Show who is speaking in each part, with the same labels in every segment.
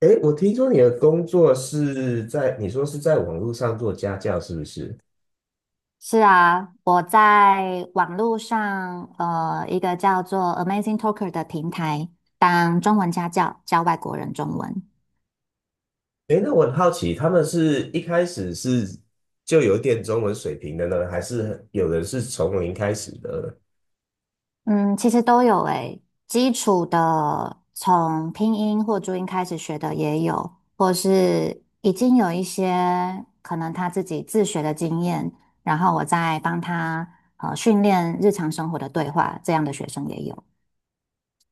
Speaker 1: 哎，我听说你的工作是在，你说是在网络上做家教，是不是？
Speaker 2: 是啊，我在网络上一个叫做 Amazing Talker 的平台当中文家教，教外国人中文。
Speaker 1: 哎，那我很好奇，他们是一开始是就有点中文水平的呢，还是有人是从零开始的？
Speaker 2: 嗯，其实都有诶，基础的从拼音或注音开始学的也有，或是已经有一些可能他自己自学的经验，然后我再帮他训练日常生活的对话，这样的学生也有。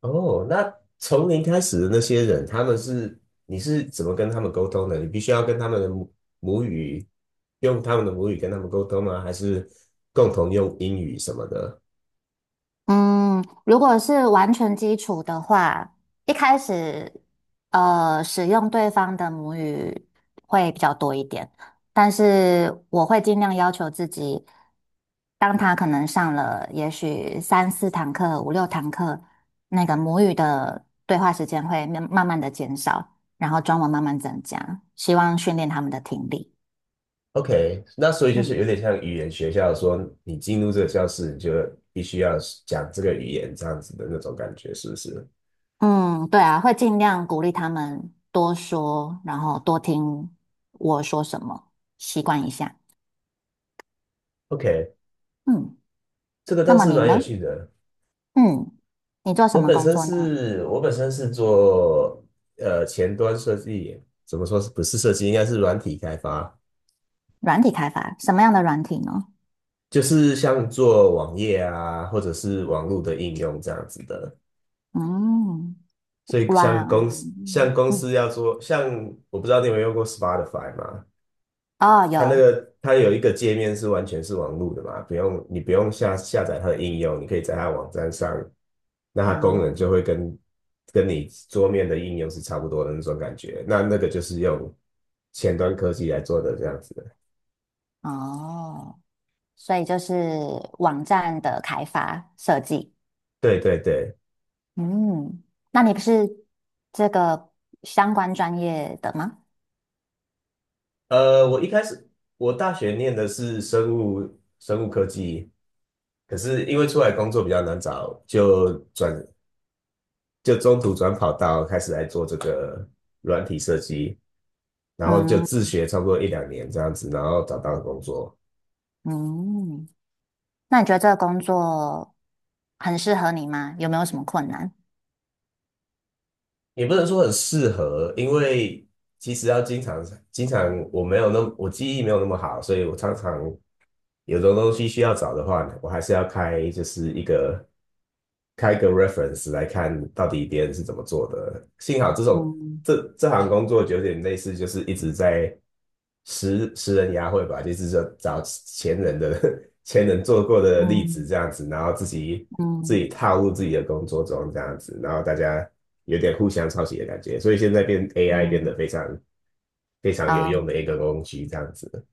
Speaker 1: 哦，那从零开始的那些人，他们是，你是怎么跟他们沟通的？你必须要跟他们的母语，用他们的母语跟他们沟通吗？还是共同用英语什么的？
Speaker 2: 嗯，如果是完全基础的话，一开始使用对方的母语会比较多一点，但是我会尽量要求自己，当他可能上了也许三四堂课、五六堂课，那个母语的对话时间会慢慢慢的减少，然后中文慢慢增加，希望训练他们的听力。
Speaker 1: OK，那所以就是有
Speaker 2: 嗯。
Speaker 1: 点像语言学校，说你进入这个教室，你就必须要讲这个语言这样子的那种感觉，是不是
Speaker 2: 嗯，对啊，会尽量鼓励他们多说，然后多听我说什么，习惯一下。
Speaker 1: ？OK，
Speaker 2: 嗯，
Speaker 1: 这个
Speaker 2: 那
Speaker 1: 倒
Speaker 2: 么
Speaker 1: 是
Speaker 2: 你
Speaker 1: 蛮有
Speaker 2: 呢？
Speaker 1: 趣的。
Speaker 2: 嗯，你做什么工作呢？
Speaker 1: 我本身是做前端设计，怎么说是不是设计，应该是软体开发，
Speaker 2: 软体开发，什么样的软体呢？
Speaker 1: 就是像做网页啊，或者是网络的应用这样子的。
Speaker 2: 嗯，
Speaker 1: 所以像
Speaker 2: 软，
Speaker 1: 公司，像公司要做，像我不知道你有没有用过 Spotify 嘛？
Speaker 2: 哦，
Speaker 1: 它那
Speaker 2: 有
Speaker 1: 个它有一个界面是完全是网路的嘛，不用你不用下载它的应用，你可以在它网站上，那它功能
Speaker 2: 啊。
Speaker 1: 就会跟你桌面的应用是差不多的那种感觉。那那个就是用前端科技来做的这样子的。
Speaker 2: 哦，所以就是网站的开发设计。
Speaker 1: 对对对，
Speaker 2: 嗯，那你不是这个相关专业的吗？
Speaker 1: 呃，我一开始我大学念的是生物科技，可是因为出来工作比较难找，就中途转跑道开始来做这个软体设计，然后就自
Speaker 2: 嗯。
Speaker 1: 学差不多一两年这样子，然后找到工作，
Speaker 2: 嗯。那你觉得这个工作很适合你吗？有没有什么困难？
Speaker 1: 也不能说很适合，因为其实要经常我记忆没有那么好，所以我常常有的东西需要找的话呢我还是要开就是一个开个 reference 来看到底别人是怎么做的。幸好这种
Speaker 2: 嗯。
Speaker 1: 这行工作有点类似，就是一直在食人牙慧吧，就是说找前人的 前人做过的例子
Speaker 2: 嗯。
Speaker 1: 这样子，然后自
Speaker 2: 嗯。
Speaker 1: 己套入自己的工作中这样子，然后大家有点互相抄袭的感觉，所以现在变 AI 变得
Speaker 2: 嗯。
Speaker 1: 非常有
Speaker 2: 啊，
Speaker 1: 用的一个工具这样子。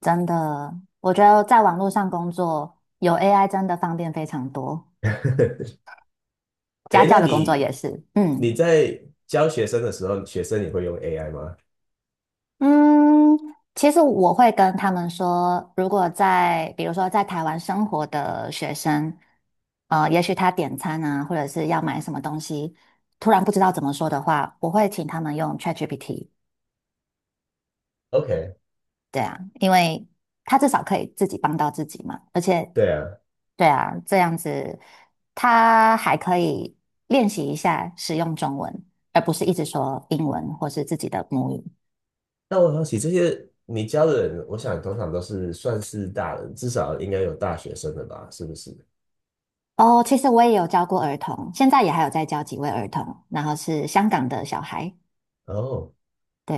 Speaker 2: 真的，我觉得在网络上工作有 AI 真的方便非常多，家
Speaker 1: 哎那
Speaker 2: 教的工作
Speaker 1: 你
Speaker 2: 也是。嗯。
Speaker 1: 你在教学生的时候，学生也会用 AI 吗
Speaker 2: 嗯，其实我会跟他们说，如果在比如说在台湾生活的学生，也许他点餐啊，或者是要买什么东西，突然不知道怎么说的话，我会请他们用 ChatGPT。
Speaker 1: ？OK，
Speaker 2: 对啊，因为他至少可以自己帮到自己嘛，而且
Speaker 1: 对啊。
Speaker 2: 对啊，这样子他还可以练习一下使用中文，而不是一直说英文或是自己的母语。
Speaker 1: 那我好起这些你教的人，我想通常都是算是大人，至少应该有大学生的吧？是不是？
Speaker 2: 哦，其实我也有教过儿童，现在也还有在教几位儿童，然后是香港的小孩。
Speaker 1: 哦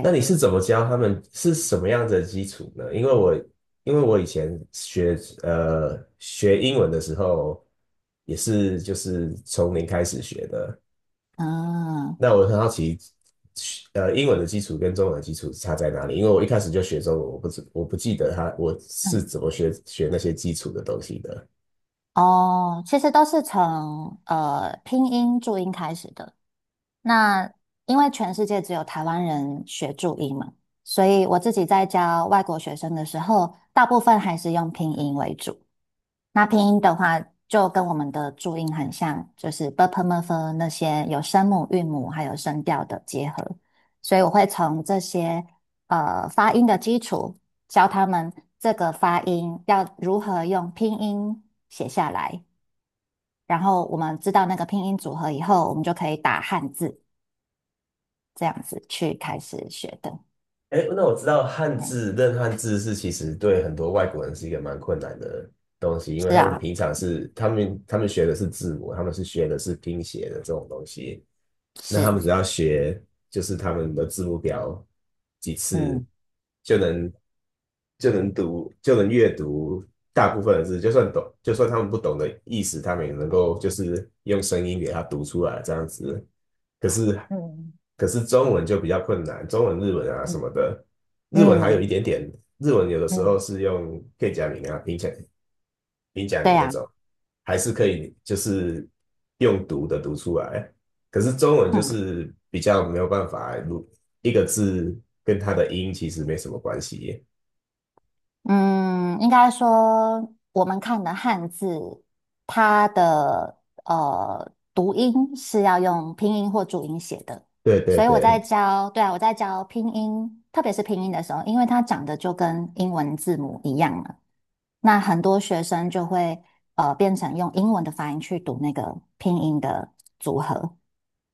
Speaker 1: 那你是怎么教他们？是什么样子的基础呢？因为我以前学学英文的时候，也是就是从零开始学的。
Speaker 2: 嗯。
Speaker 1: 那我很好奇，呃，英文的基础跟中文的基础差在哪里？因为我一开始就学中文，我不记得他我是
Speaker 2: 嗯。
Speaker 1: 怎么学那些基础的东西的。
Speaker 2: 哦，其实都是从拼音注音开始的。那因为全世界只有台湾人学注音嘛，所以我自己在教外国学生的时候，大部分还是用拼音为主。那拼音的话，就跟我们的注音很像，就是 b p m f 那些有声母、韵母还有声调的结合。所以我会从这些发音的基础，教他们这个发音要如何用拼音写下来。然后我们知道那个拼音组合以后，我们就可以打汉字，这样子去开始学的。
Speaker 1: 哎，那我知道
Speaker 2: 嗯。
Speaker 1: 认汉字是其实对很多外国人是一个蛮困难的东西，因为
Speaker 2: 是
Speaker 1: 他们
Speaker 2: 啊。
Speaker 1: 平常是他们学的是字母，他们是学的是拼写的这种东西，那
Speaker 2: 是。
Speaker 1: 他们只要学就是他们的字母表几次
Speaker 2: 嗯。
Speaker 1: 就能就能阅读大部分的字，就算他们不懂的意思，他们也能够就是用声音给它读出来这样子。可是
Speaker 2: 嗯。
Speaker 1: 可是中文就比较困难，中文、日文啊什么
Speaker 2: 嗯。
Speaker 1: 的，日文还
Speaker 2: 嗯。
Speaker 1: 有一
Speaker 2: 嗯。
Speaker 1: 点点，日文有的时候
Speaker 2: 嗯。
Speaker 1: 是用片假名啊、平假
Speaker 2: 对
Speaker 1: 名那
Speaker 2: 呀、
Speaker 1: 种，
Speaker 2: 啊。
Speaker 1: 还是可以就是用读的读出来。可是中文就
Speaker 2: 嗯。
Speaker 1: 是比较没有办法，如一个字跟它的音其实没什么关系。
Speaker 2: 嗯，应该说我们看的汉字，它的读音是要用拼音或注音写的，
Speaker 1: 对对
Speaker 2: 所以我在
Speaker 1: 对，
Speaker 2: 教，对啊，我在教拼音，特别是拼音的时候，因为它长得就跟英文字母一样了，那很多学生就会变成用英文的发音去读那个拼音的组合。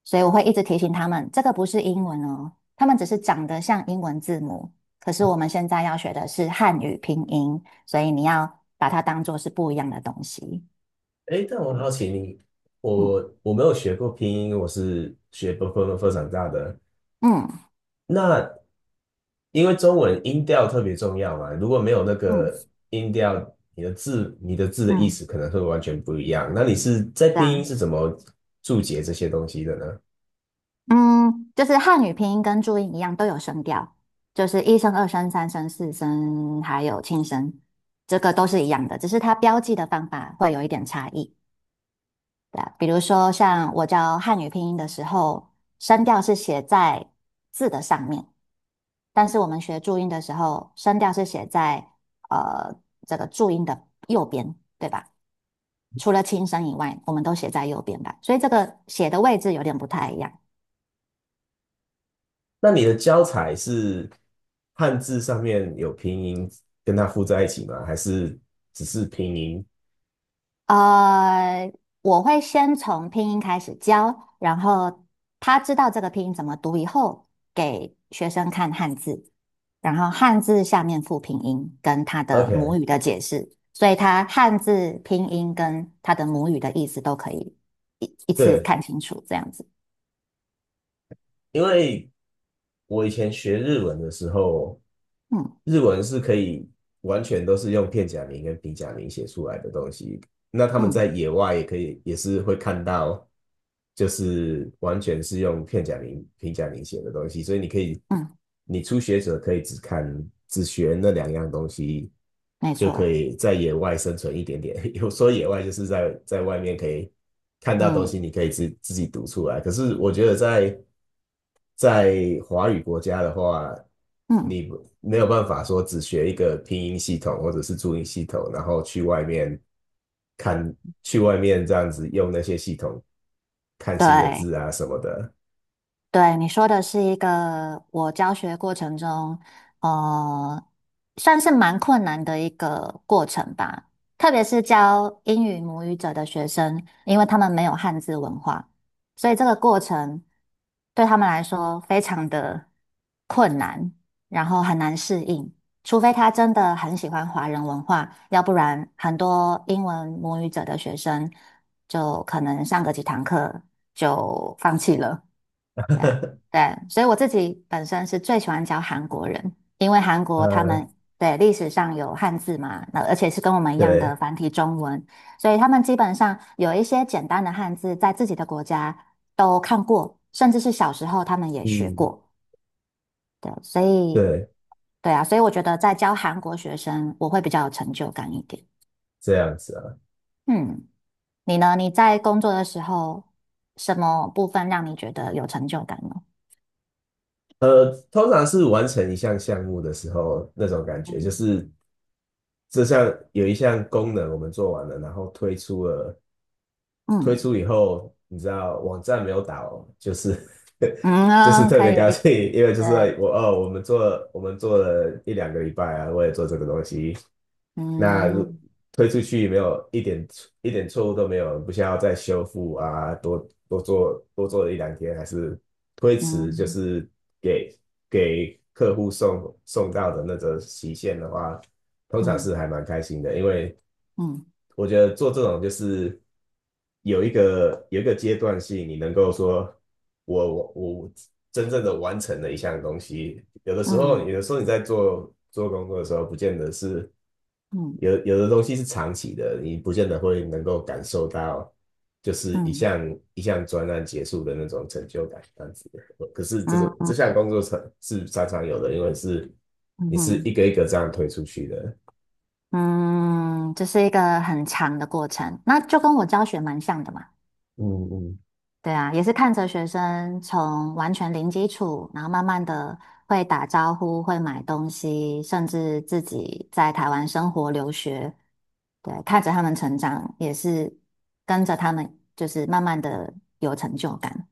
Speaker 2: 所以我会一直提醒他们，这个不是英文哦，他们只是长得像英文字母。可是我们现在要学的是汉语拼音，所以你要把它当做是不一样的东西。
Speaker 1: 哎，但我好奇你，
Speaker 2: 嗯。
Speaker 1: 我没有学过拼音，我是学分长大的。
Speaker 2: 嗯。
Speaker 1: 那因为中文音调特别重要嘛，如果没有那
Speaker 2: 嗯。
Speaker 1: 个音调，你的字的意
Speaker 2: 嗯。
Speaker 1: 思可能会完全不一样。那你是在
Speaker 2: 对
Speaker 1: 拼音
Speaker 2: 啊。
Speaker 1: 是怎么注解这些东西的呢？
Speaker 2: 嗯，就是汉语拼音跟注音一样都有声调，就是一声、二声、三声、四声，还有轻声，这个都是一样的，只是它标记的方法会有一点差异。对啊，比如说像我教汉语拼音的时候，声调是写在字的上面，但是我们学注音的时候，声调是写在呃这个注音的右边，对吧？除了轻声以外，我们都写在右边吧，所以这个写的位置有点不太一样。
Speaker 1: 那你的教材是汉字上面有拼音跟它附在一起吗？还是只是拼音
Speaker 2: 呃，我会先从拼音开始教，然后他知道这个拼音怎么读以后，给学生看汉字，然后汉字下面附拼音跟他的
Speaker 1: ？OK，
Speaker 2: 母语的解释，所以他汉字拼音跟他的母语的意思都可以一一次
Speaker 1: 对，
Speaker 2: 看清楚，这样子。
Speaker 1: 因为我以前学日文的时候，
Speaker 2: 嗯。
Speaker 1: 日文是可以完全都是用片假名跟平假名写出来的东西。那他们在
Speaker 2: 嗯。
Speaker 1: 野外也可以，也是会看到，就是完全是用片假名、平假名写的东西。所以你可以，
Speaker 2: 嗯。
Speaker 1: 你初学者可以只看、只学那两样东西，
Speaker 2: 没
Speaker 1: 就可
Speaker 2: 错。
Speaker 1: 以在野外生存一点点。有说野外就是在在外面可以看到东西，
Speaker 2: 嗯。
Speaker 1: 你可以自己读出来。可是我觉得在华语国家的话，
Speaker 2: 嗯。
Speaker 1: 你没有办法说只学一个拼音系统或者是注音系统，然后看，去外面这样子用那些系统看新的
Speaker 2: 对。
Speaker 1: 字啊什么的。
Speaker 2: 对，你说的是一个我教学过程中，呃，算是蛮困难的一个过程吧。特别是教英语母语者的学生，因为他们没有汉字文化，所以这个过程对他们来说非常的困难，然后很难适应。除非他真的很喜欢华人文化，要不然很多英文母语者的学生就可能上个几堂课就放弃了。对啊。对，所以我自己本身是最喜欢教韩国人，因为韩国他
Speaker 1: 呃，
Speaker 2: 们对历史上有汉字嘛，那而且是跟我们一样的
Speaker 1: 对，
Speaker 2: 繁体中文，所以他们基本上有一些简单的汉字在自己的国家都看过，甚至是小时候他们也学
Speaker 1: 嗯，
Speaker 2: 过。对，所以
Speaker 1: 对，
Speaker 2: 对啊，所以我觉得在教韩国学生，我会比较有成就感一点。
Speaker 1: 这样子啊。
Speaker 2: 嗯，你呢？你在工作的时候，什么部分让你觉得有成就感呢？
Speaker 1: 呃，通常是完成一项项目的时候，那种感觉就
Speaker 2: 嗯。
Speaker 1: 是有一项功能我们做完了，然后推
Speaker 2: 嗯。
Speaker 1: 出以后，你知道网站没有倒，就是
Speaker 2: 嗯
Speaker 1: 就是
Speaker 2: 啊，
Speaker 1: 特
Speaker 2: 可
Speaker 1: 别
Speaker 2: 以，
Speaker 1: 高
Speaker 2: 对。
Speaker 1: 兴，因为就是
Speaker 2: 解。
Speaker 1: 我哦，我们做了一两个礼拜啊，我也做这个东西，那如
Speaker 2: 嗯。
Speaker 1: 推出去没有一点一点错误都没有，不需要再修复啊，多做了一两天，还是推迟，就
Speaker 2: 嗯。
Speaker 1: 是给给客户送到的那个期限的话，通常
Speaker 2: 嗯。
Speaker 1: 是还蛮开心的，因为
Speaker 2: 嗯。
Speaker 1: 我觉得做这种就是有一个阶段性，你能够说我真正的完成了一项东西。
Speaker 2: 嗯。
Speaker 1: 有的时候你在做工作的时候，不见得是
Speaker 2: 嗯。
Speaker 1: 有的东西是长期的，你不见得会能够感受到就是一
Speaker 2: 嗯。
Speaker 1: 项一项专案结束的那种成就感这样子。的。可是这种这
Speaker 2: 嗯。
Speaker 1: 项工作是常常有的，因为是
Speaker 2: 嗯。
Speaker 1: 你是
Speaker 2: 嗯，
Speaker 1: 一个一个这样推出去的。
Speaker 2: 嗯，这是一个很长的过程，那就跟我教学蛮像的嘛。
Speaker 1: 嗯嗯。
Speaker 2: 对啊，也是看着学生从完全零基础，然后慢慢的会打招呼、会买东西，甚至自己在台湾生活留学，对，看着他们成长，也是跟着他们就是慢慢的有成就感。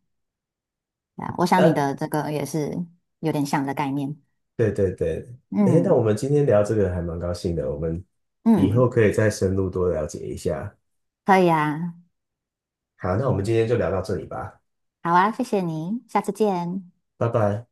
Speaker 2: 啊，我想你
Speaker 1: 那
Speaker 2: 的这个也是有点像的概念。
Speaker 1: 对对对，哎，那我
Speaker 2: 嗯。
Speaker 1: 们今天聊这个还蛮高兴的，我们以后
Speaker 2: 嗯。
Speaker 1: 可以再深入多了解一下。
Speaker 2: 可以啊。
Speaker 1: 好，那我们今天就聊到这里吧，
Speaker 2: 好啊，谢谢你，下次见。
Speaker 1: 拜拜。